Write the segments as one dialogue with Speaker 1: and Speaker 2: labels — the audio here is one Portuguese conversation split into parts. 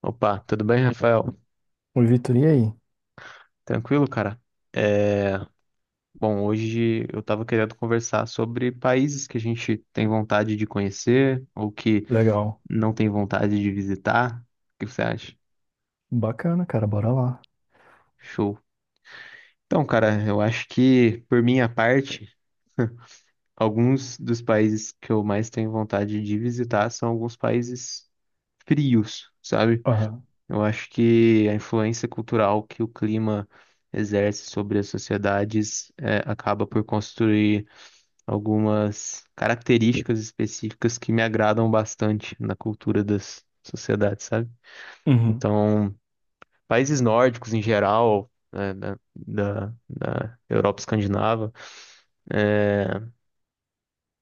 Speaker 1: Opa, tudo bem, Rafael?
Speaker 2: Oi, Vitor, e aí?
Speaker 1: Tranquilo, cara? É, bom, hoje eu tava querendo conversar sobre países que a gente tem vontade de conhecer ou que
Speaker 2: Legal.
Speaker 1: não tem vontade de visitar. O que você acha?
Speaker 2: Bacana, cara, bora lá.
Speaker 1: Show. Então, cara, eu acho que, por minha parte, alguns dos países que eu mais tenho vontade de visitar são alguns países frios, sabe?
Speaker 2: Aham.
Speaker 1: Eu acho que a influência cultural que o clima exerce sobre as sociedades, acaba por construir algumas características específicas que me agradam bastante na cultura das sociedades, sabe?
Speaker 2: Uhum.
Speaker 1: Então, países nórdicos em geral, né, da Europa escandinava, é,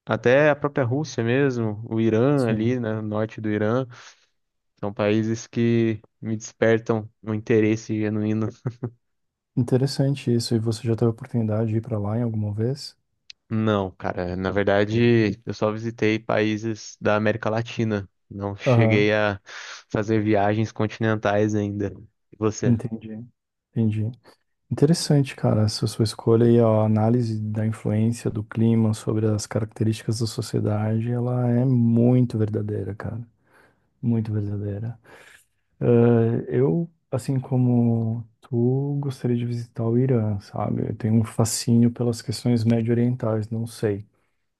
Speaker 1: até a própria Rússia mesmo, o Irã ali,
Speaker 2: Sim.
Speaker 1: né, o norte do Irã, são países que me despertam um interesse genuíno.
Speaker 2: Interessante isso. E você já teve a oportunidade de ir pra lá em alguma vez?
Speaker 1: Não, cara, na verdade, eu só visitei países da América Latina. Não cheguei
Speaker 2: Aham.
Speaker 1: a fazer viagens continentais ainda. E você?
Speaker 2: Entendi. Entendi. Interessante, cara, essa sua escolha e a análise da influência do clima sobre as características da sociedade, ela é muito verdadeira, cara. Muito verdadeira. Eu, assim como tu, gostaria de visitar o Irã, sabe? Eu tenho um fascínio pelas questões médio-orientais, não sei.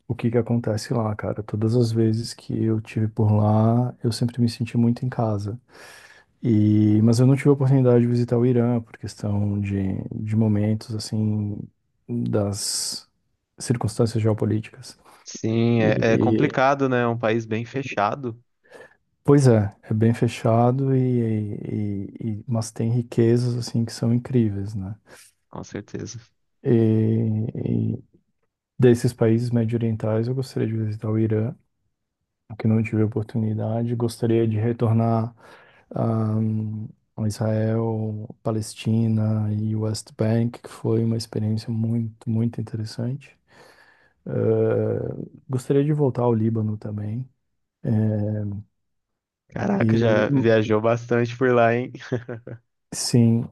Speaker 2: O que que acontece lá, cara? Todas as vezes que eu tive por lá, eu sempre me senti muito em casa. E, mas eu não tive a oportunidade de visitar o Irã por questão de momentos, assim, das circunstâncias geopolíticas.
Speaker 1: Sim,
Speaker 2: E,
Speaker 1: é, é
Speaker 2: e-
Speaker 1: complicado, né? É um país bem fechado,
Speaker 2: pois é, é bem fechado e, mas tem riquezas, assim, que são incríveis, né?
Speaker 1: com certeza.
Speaker 2: E, e desses países médio-orientais, eu gostaria de visitar o Irã, que não tive oportunidade. Gostaria de retornar ahm, a Israel, Palestina e West Bank, que foi uma experiência muito, muito interessante. Eh, Gostaria de voltar ao Líbano também. eh, E
Speaker 1: Caraca, já viajou bastante por lá, hein?
Speaker 2: sim,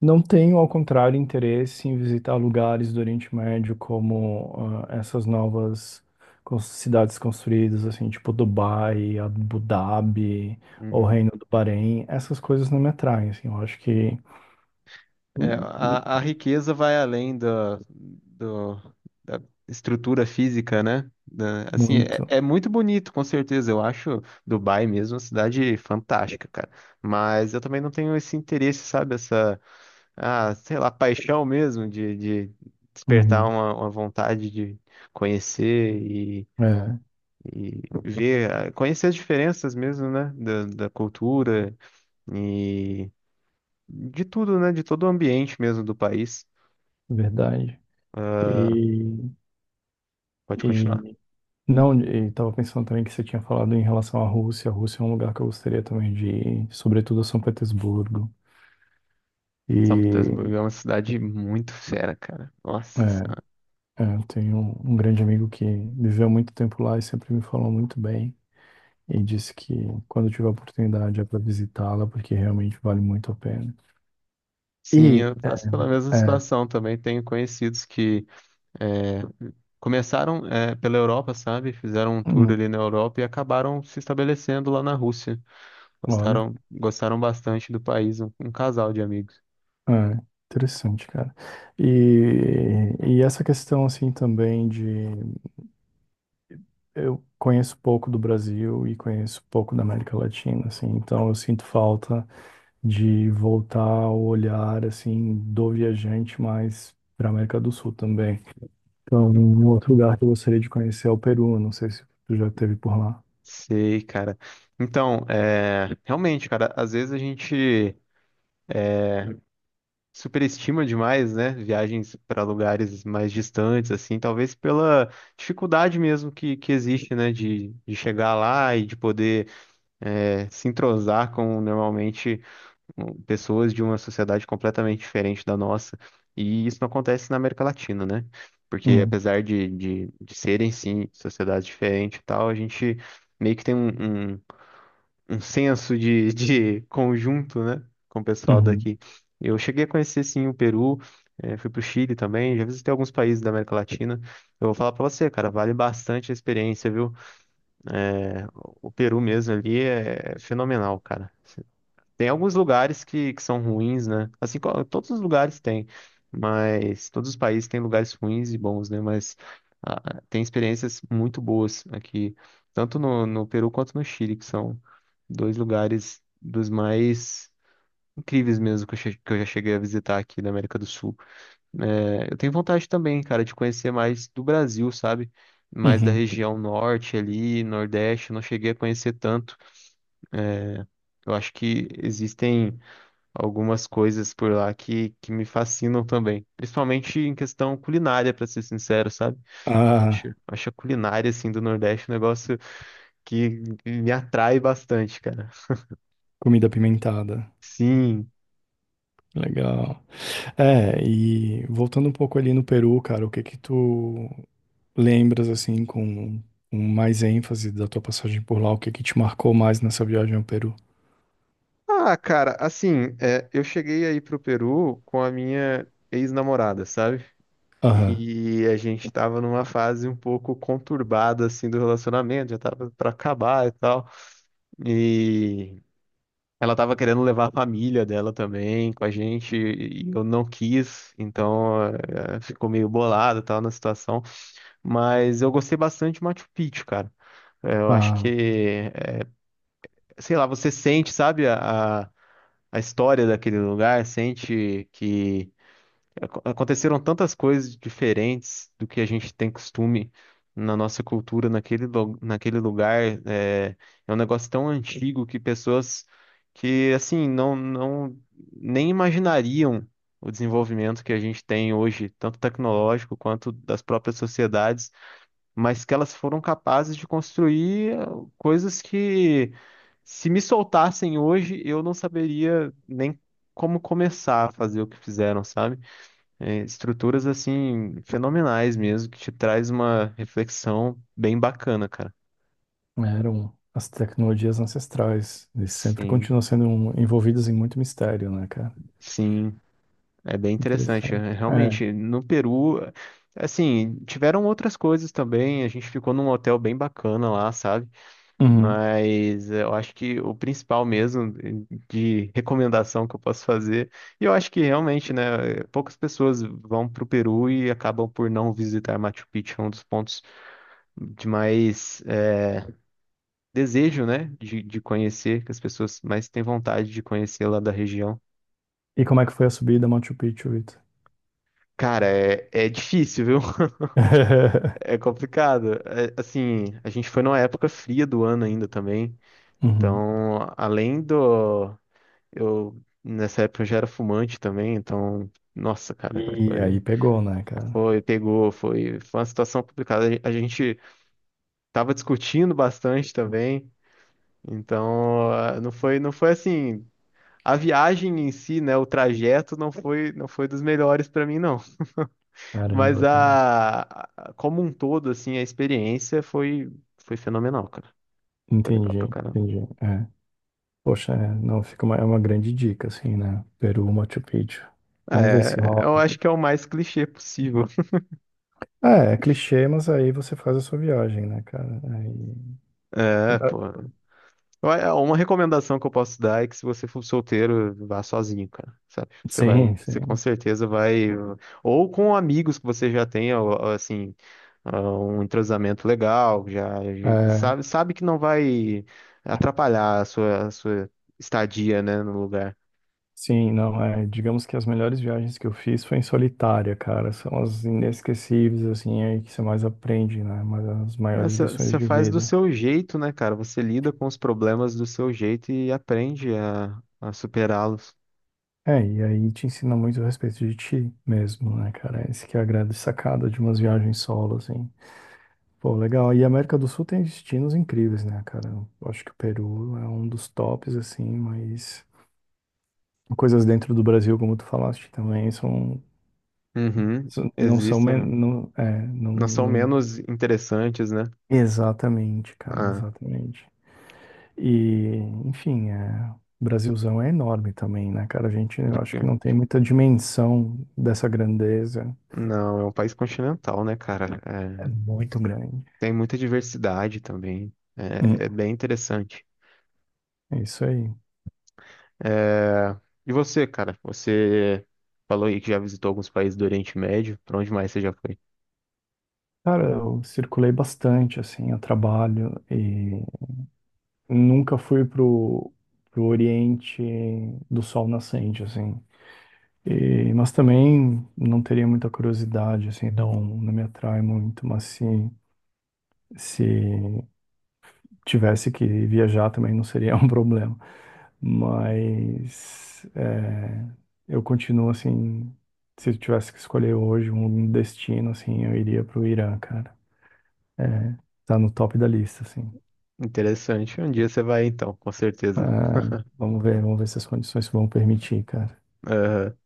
Speaker 2: não tenho, ao contrário, interesse em visitar lugares do Oriente Médio como ah, essas novas cidades construídas, assim, tipo Dubai, Abu Dhabi ou
Speaker 1: Uhum.
Speaker 2: Reino do Bahrein. Essas coisas não me atraem, assim, eu acho que
Speaker 1: É,
Speaker 2: hum, hum,
Speaker 1: a riqueza vai além do, da estrutura física, né? Assim, é,
Speaker 2: muito.
Speaker 1: é muito bonito, com certeza. Eu acho Dubai mesmo uma cidade fantástica, cara. Mas eu também não tenho esse interesse, sabe? Essa, ah, sei lá, paixão mesmo de despertar
Speaker 2: Uhum.
Speaker 1: uma vontade de conhecer
Speaker 2: É,
Speaker 1: e ver, ah, conhecer as diferenças mesmo, né? Da cultura e de tudo, né? De todo o ambiente mesmo do país.
Speaker 2: verdade.
Speaker 1: Ah,
Speaker 2: E,
Speaker 1: pode continuar.
Speaker 2: e não, e estava pensando também que você tinha falado em relação à Rússia. A Rússia é um lugar que eu gostaria também de ir, sobretudo a São Petersburgo.
Speaker 1: São Petersburgo
Speaker 2: E
Speaker 1: é uma cidade muito fera, cara.
Speaker 2: é,
Speaker 1: Nossa Senhora.
Speaker 2: é, eu tenho um grande amigo que viveu muito tempo lá e sempre me falou muito bem e disse que quando tiver oportunidade é para visitá-la porque realmente vale muito a pena.
Speaker 1: Sim,
Speaker 2: E
Speaker 1: eu
Speaker 2: é,
Speaker 1: passo pela mesma situação também. Tenho conhecidos que é, começaram pela Europa, sabe? Fizeram um tour
Speaker 2: hum,
Speaker 1: ali na Europa e acabaram se estabelecendo lá na Rússia.
Speaker 2: olha,
Speaker 1: Gostaram, gostaram bastante do país, um casal de amigos.
Speaker 2: é, interessante, cara. E essa questão assim também de eu conheço pouco do Brasil e conheço pouco da América Latina, assim, então eu sinto falta de voltar o olhar assim do viajante mais para a América do Sul também. Então, um outro lugar que eu gostaria de conhecer é o Peru. Não sei se tu já esteve por lá.
Speaker 1: Sei, cara. Então, é, realmente, cara, às vezes a gente superestima demais, né? Viagens para lugares mais distantes, assim, talvez pela dificuldade mesmo que existe, né? De chegar lá e de poder se entrosar com normalmente pessoas de uma sociedade completamente diferente da nossa. E isso não acontece na América Latina, né? Porque
Speaker 2: Hum,
Speaker 1: apesar de serem, sim, sociedades diferentes e tal, a gente meio que tem um senso de, de conjunto, né, com o pessoal
Speaker 2: uhum,
Speaker 1: daqui. Eu cheguei a conhecer, sim, o Peru, fui para o Chile também, já visitei alguns países da América Latina. Eu vou falar para você, cara, vale bastante a experiência, viu? O Peru mesmo ali é fenomenal, cara. Tem alguns lugares que são ruins, né? Assim, todos os lugares têm, mas todos os países têm lugares ruins e bons, né? Mas tem experiências muito boas aqui, tanto no Peru quanto no Chile, que são dois lugares dos mais incríveis mesmo que que eu já cheguei a visitar aqui na América do Sul. É, eu tenho vontade também, cara, de conhecer mais do Brasil, sabe? Mais da
Speaker 2: uhum.
Speaker 1: região norte ali, nordeste, eu não cheguei a conhecer tanto. Eu acho que existem algumas coisas por lá que me fascinam também. Principalmente em questão culinária, pra ser sincero, sabe?
Speaker 2: Ah,
Speaker 1: Acho a culinária, assim, do Nordeste um negócio que me atrai bastante, cara.
Speaker 2: comida apimentada.
Speaker 1: Sim.
Speaker 2: Legal. É, e voltando um pouco ali no Peru, cara, o que que tu lembras, assim, com mais ênfase da tua passagem por lá? O que que te marcou mais nessa viagem ao Peru?
Speaker 1: Ah, cara, assim, é, eu cheguei aí pro Peru com a minha ex-namorada, sabe?
Speaker 2: Aham.
Speaker 1: E a gente tava numa fase um pouco conturbada, assim, do relacionamento, já tava pra acabar e tal. E. Ela tava querendo levar a família dela também com a gente e eu não quis, então ficou meio bolado e tal na situação. Mas eu gostei bastante de Machu Picchu, cara. Eu acho que,
Speaker 2: Ah,
Speaker 1: eh, sei lá, você sente, sabe, a história daquele lugar, sente que aconteceram tantas coisas diferentes do que a gente tem costume na nossa cultura, naquele lugar. É, é um negócio tão antigo que pessoas que, assim, não nem imaginariam o desenvolvimento que a gente tem hoje, tanto tecnológico quanto das próprias sociedades, mas que elas foram capazes de construir coisas que, se me soltassem hoje, eu não saberia nem como começar a fazer o que fizeram, sabe? É, estruturas assim fenomenais mesmo, que te traz uma reflexão bem bacana, cara.
Speaker 2: eram as tecnologias ancestrais. Eles sempre
Speaker 1: Sim,
Speaker 2: continuam sendo envolvidos em muito mistério, né, cara?
Speaker 1: sim, é bem interessante.
Speaker 2: Interessante. É.
Speaker 1: Realmente, no Peru, assim, tiveram outras coisas também. A gente ficou num hotel bem bacana lá, sabe?
Speaker 2: Uhum.
Speaker 1: Mas eu acho que o principal mesmo de recomendação que eu posso fazer, e eu acho que realmente, né, poucas pessoas vão pro Peru e acabam por não visitar Machu Picchu, é um dos pontos de mais desejo, né, de conhecer, que as pessoas mais têm vontade de conhecer lá da região.
Speaker 2: E como é que foi a subida a Machu Picchu, Vitor?
Speaker 1: Cara, é, é difícil, viu? É complicado. É, assim, a gente foi numa época fria do ano ainda também.
Speaker 2: Uhum.
Speaker 1: Então, além do. Eu, nessa época eu já era fumante também, então. Nossa, cara,
Speaker 2: E aí pegou, né, cara?
Speaker 1: pegou, foi uma situação complicada. A gente tava discutindo bastante também, então não foi, não foi assim. A viagem em si, né, o trajeto não foi dos melhores para mim não, mas
Speaker 2: Caramba, cara.
Speaker 1: como um todo assim, a experiência foi fenomenal, cara. Foi legal
Speaker 2: Entendi,
Speaker 1: pra caramba.
Speaker 2: entendi. É. Poxa, é, não, fica uma, é uma grande dica, assim, né? Peru, Machu Picchu. Vamos ver se
Speaker 1: É, eu
Speaker 2: rola.
Speaker 1: acho que é o mais clichê possível.
Speaker 2: É, é clichê, mas aí você faz a sua viagem, né, cara? Aí...
Speaker 1: É, pô. Uma recomendação que eu posso dar é que se você for solteiro, vá sozinho, cara, sabe? Você
Speaker 2: Sim,
Speaker 1: vai, você com
Speaker 2: sim.
Speaker 1: certeza vai, ou com amigos que você já tenha, assim, ah, um entrosamento legal, já
Speaker 2: É,
Speaker 1: sabe, sabe que não vai atrapalhar a sua estadia, né, no lugar.
Speaker 2: sim, não, é. Digamos que as melhores viagens que eu fiz foi em solitária, cara. São as inesquecíveis, assim, aí que você mais aprende, né? Mas as
Speaker 1: É,
Speaker 2: maiores lições
Speaker 1: Você
Speaker 2: de
Speaker 1: faz do
Speaker 2: vida.
Speaker 1: seu jeito, né, cara? Você lida com os problemas do seu jeito e aprende a superá-los.
Speaker 2: É, e aí te ensina muito a respeito de ti mesmo, né, cara? Esse que é a grande sacada de umas viagens solo, assim. Pô, legal. E a América do Sul tem destinos incríveis, né, cara? Eu acho que o Peru é um dos tops, assim, mas coisas dentro do Brasil, como tu falaste também, são,
Speaker 1: Uhum.
Speaker 2: não são,
Speaker 1: Existem,
Speaker 2: não, é, não,
Speaker 1: não são
Speaker 2: não,
Speaker 1: menos interessantes, né?
Speaker 2: exatamente, cara,
Speaker 1: Ah,
Speaker 2: exatamente. E, enfim, é, o Brasilzão é enorme também, né, cara? A gente, eu acho que não tem muita dimensão dessa grandeza.
Speaker 1: Não, é um país continental, né, cara?
Speaker 2: É
Speaker 1: É,
Speaker 2: muito grande.
Speaker 1: tem muita diversidade também. É,
Speaker 2: Hum,
Speaker 1: é bem interessante.
Speaker 2: é isso aí.
Speaker 1: É, e você, cara? Você falou aí que já visitou alguns países do Oriente Médio. Pra onde mais você já foi?
Speaker 2: Cara, eu circulei bastante, assim, a trabalho e nunca fui pro Oriente do Sol Nascente, assim. E, mas também não teria muita curiosidade, assim, não, não me atrai muito, mas se tivesse que viajar também não seria um problema. Mas é, eu continuo, assim, se eu tivesse que escolher hoje um destino, assim, eu iria pro Irã, cara. É, tá no top da lista, assim.
Speaker 1: Interessante. Um dia você vai, então, com certeza.
Speaker 2: Ah, vamos ver se as condições vão permitir, cara.
Speaker 1: Aham.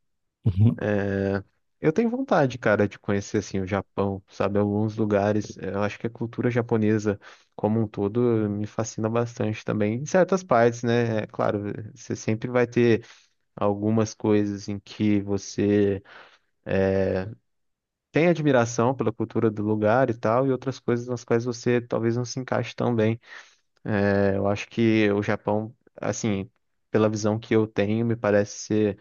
Speaker 2: Uhum.
Speaker 1: É, eu tenho vontade, cara, de conhecer, assim, o Japão, sabe? Alguns lugares. Eu acho que a cultura japonesa como um todo me fascina bastante também. Em certas partes, né? É claro, você sempre vai ter algumas coisas em que você tem admiração pela cultura do lugar e tal, e outras coisas nas quais você talvez não se encaixe tão bem. É, eu acho que o Japão, assim, pela visão que eu tenho, me parece ser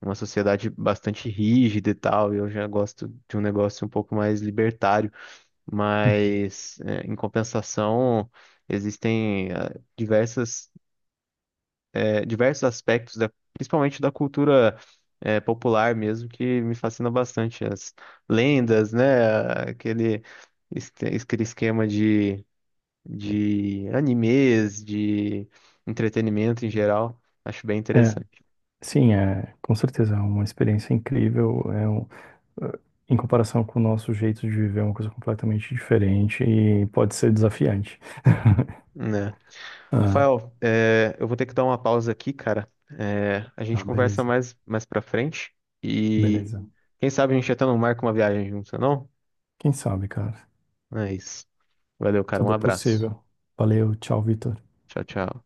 Speaker 1: uma sociedade bastante rígida e tal, e eu já gosto de um negócio um pouco mais libertário, mas é, em compensação. Existem diversas diversos aspectos, principalmente da cultura popular mesmo, que me fascina bastante. As lendas, né? Es- aquele esquema de animes, de entretenimento em geral. Acho bem
Speaker 2: É,
Speaker 1: interessante,
Speaker 2: sim, é, com certeza, é uma experiência incrível, é um, eh, em comparação com o nosso jeito de viver, é uma coisa completamente diferente e pode ser desafiante.
Speaker 1: né?
Speaker 2: Ah,
Speaker 1: Rafael, é, eu vou ter que dar uma pausa aqui, cara. É, a
Speaker 2: tá,
Speaker 1: gente conversa
Speaker 2: beleza,
Speaker 1: mais, mais pra frente e
Speaker 2: beleza.
Speaker 1: quem sabe a gente até não marca uma viagem junto, não?
Speaker 2: Quem sabe, cara?
Speaker 1: É isso. Valeu, cara. Um
Speaker 2: Tudo é
Speaker 1: abraço.
Speaker 2: possível. Valeu, tchau, Vitor.
Speaker 1: Tchau, tchau.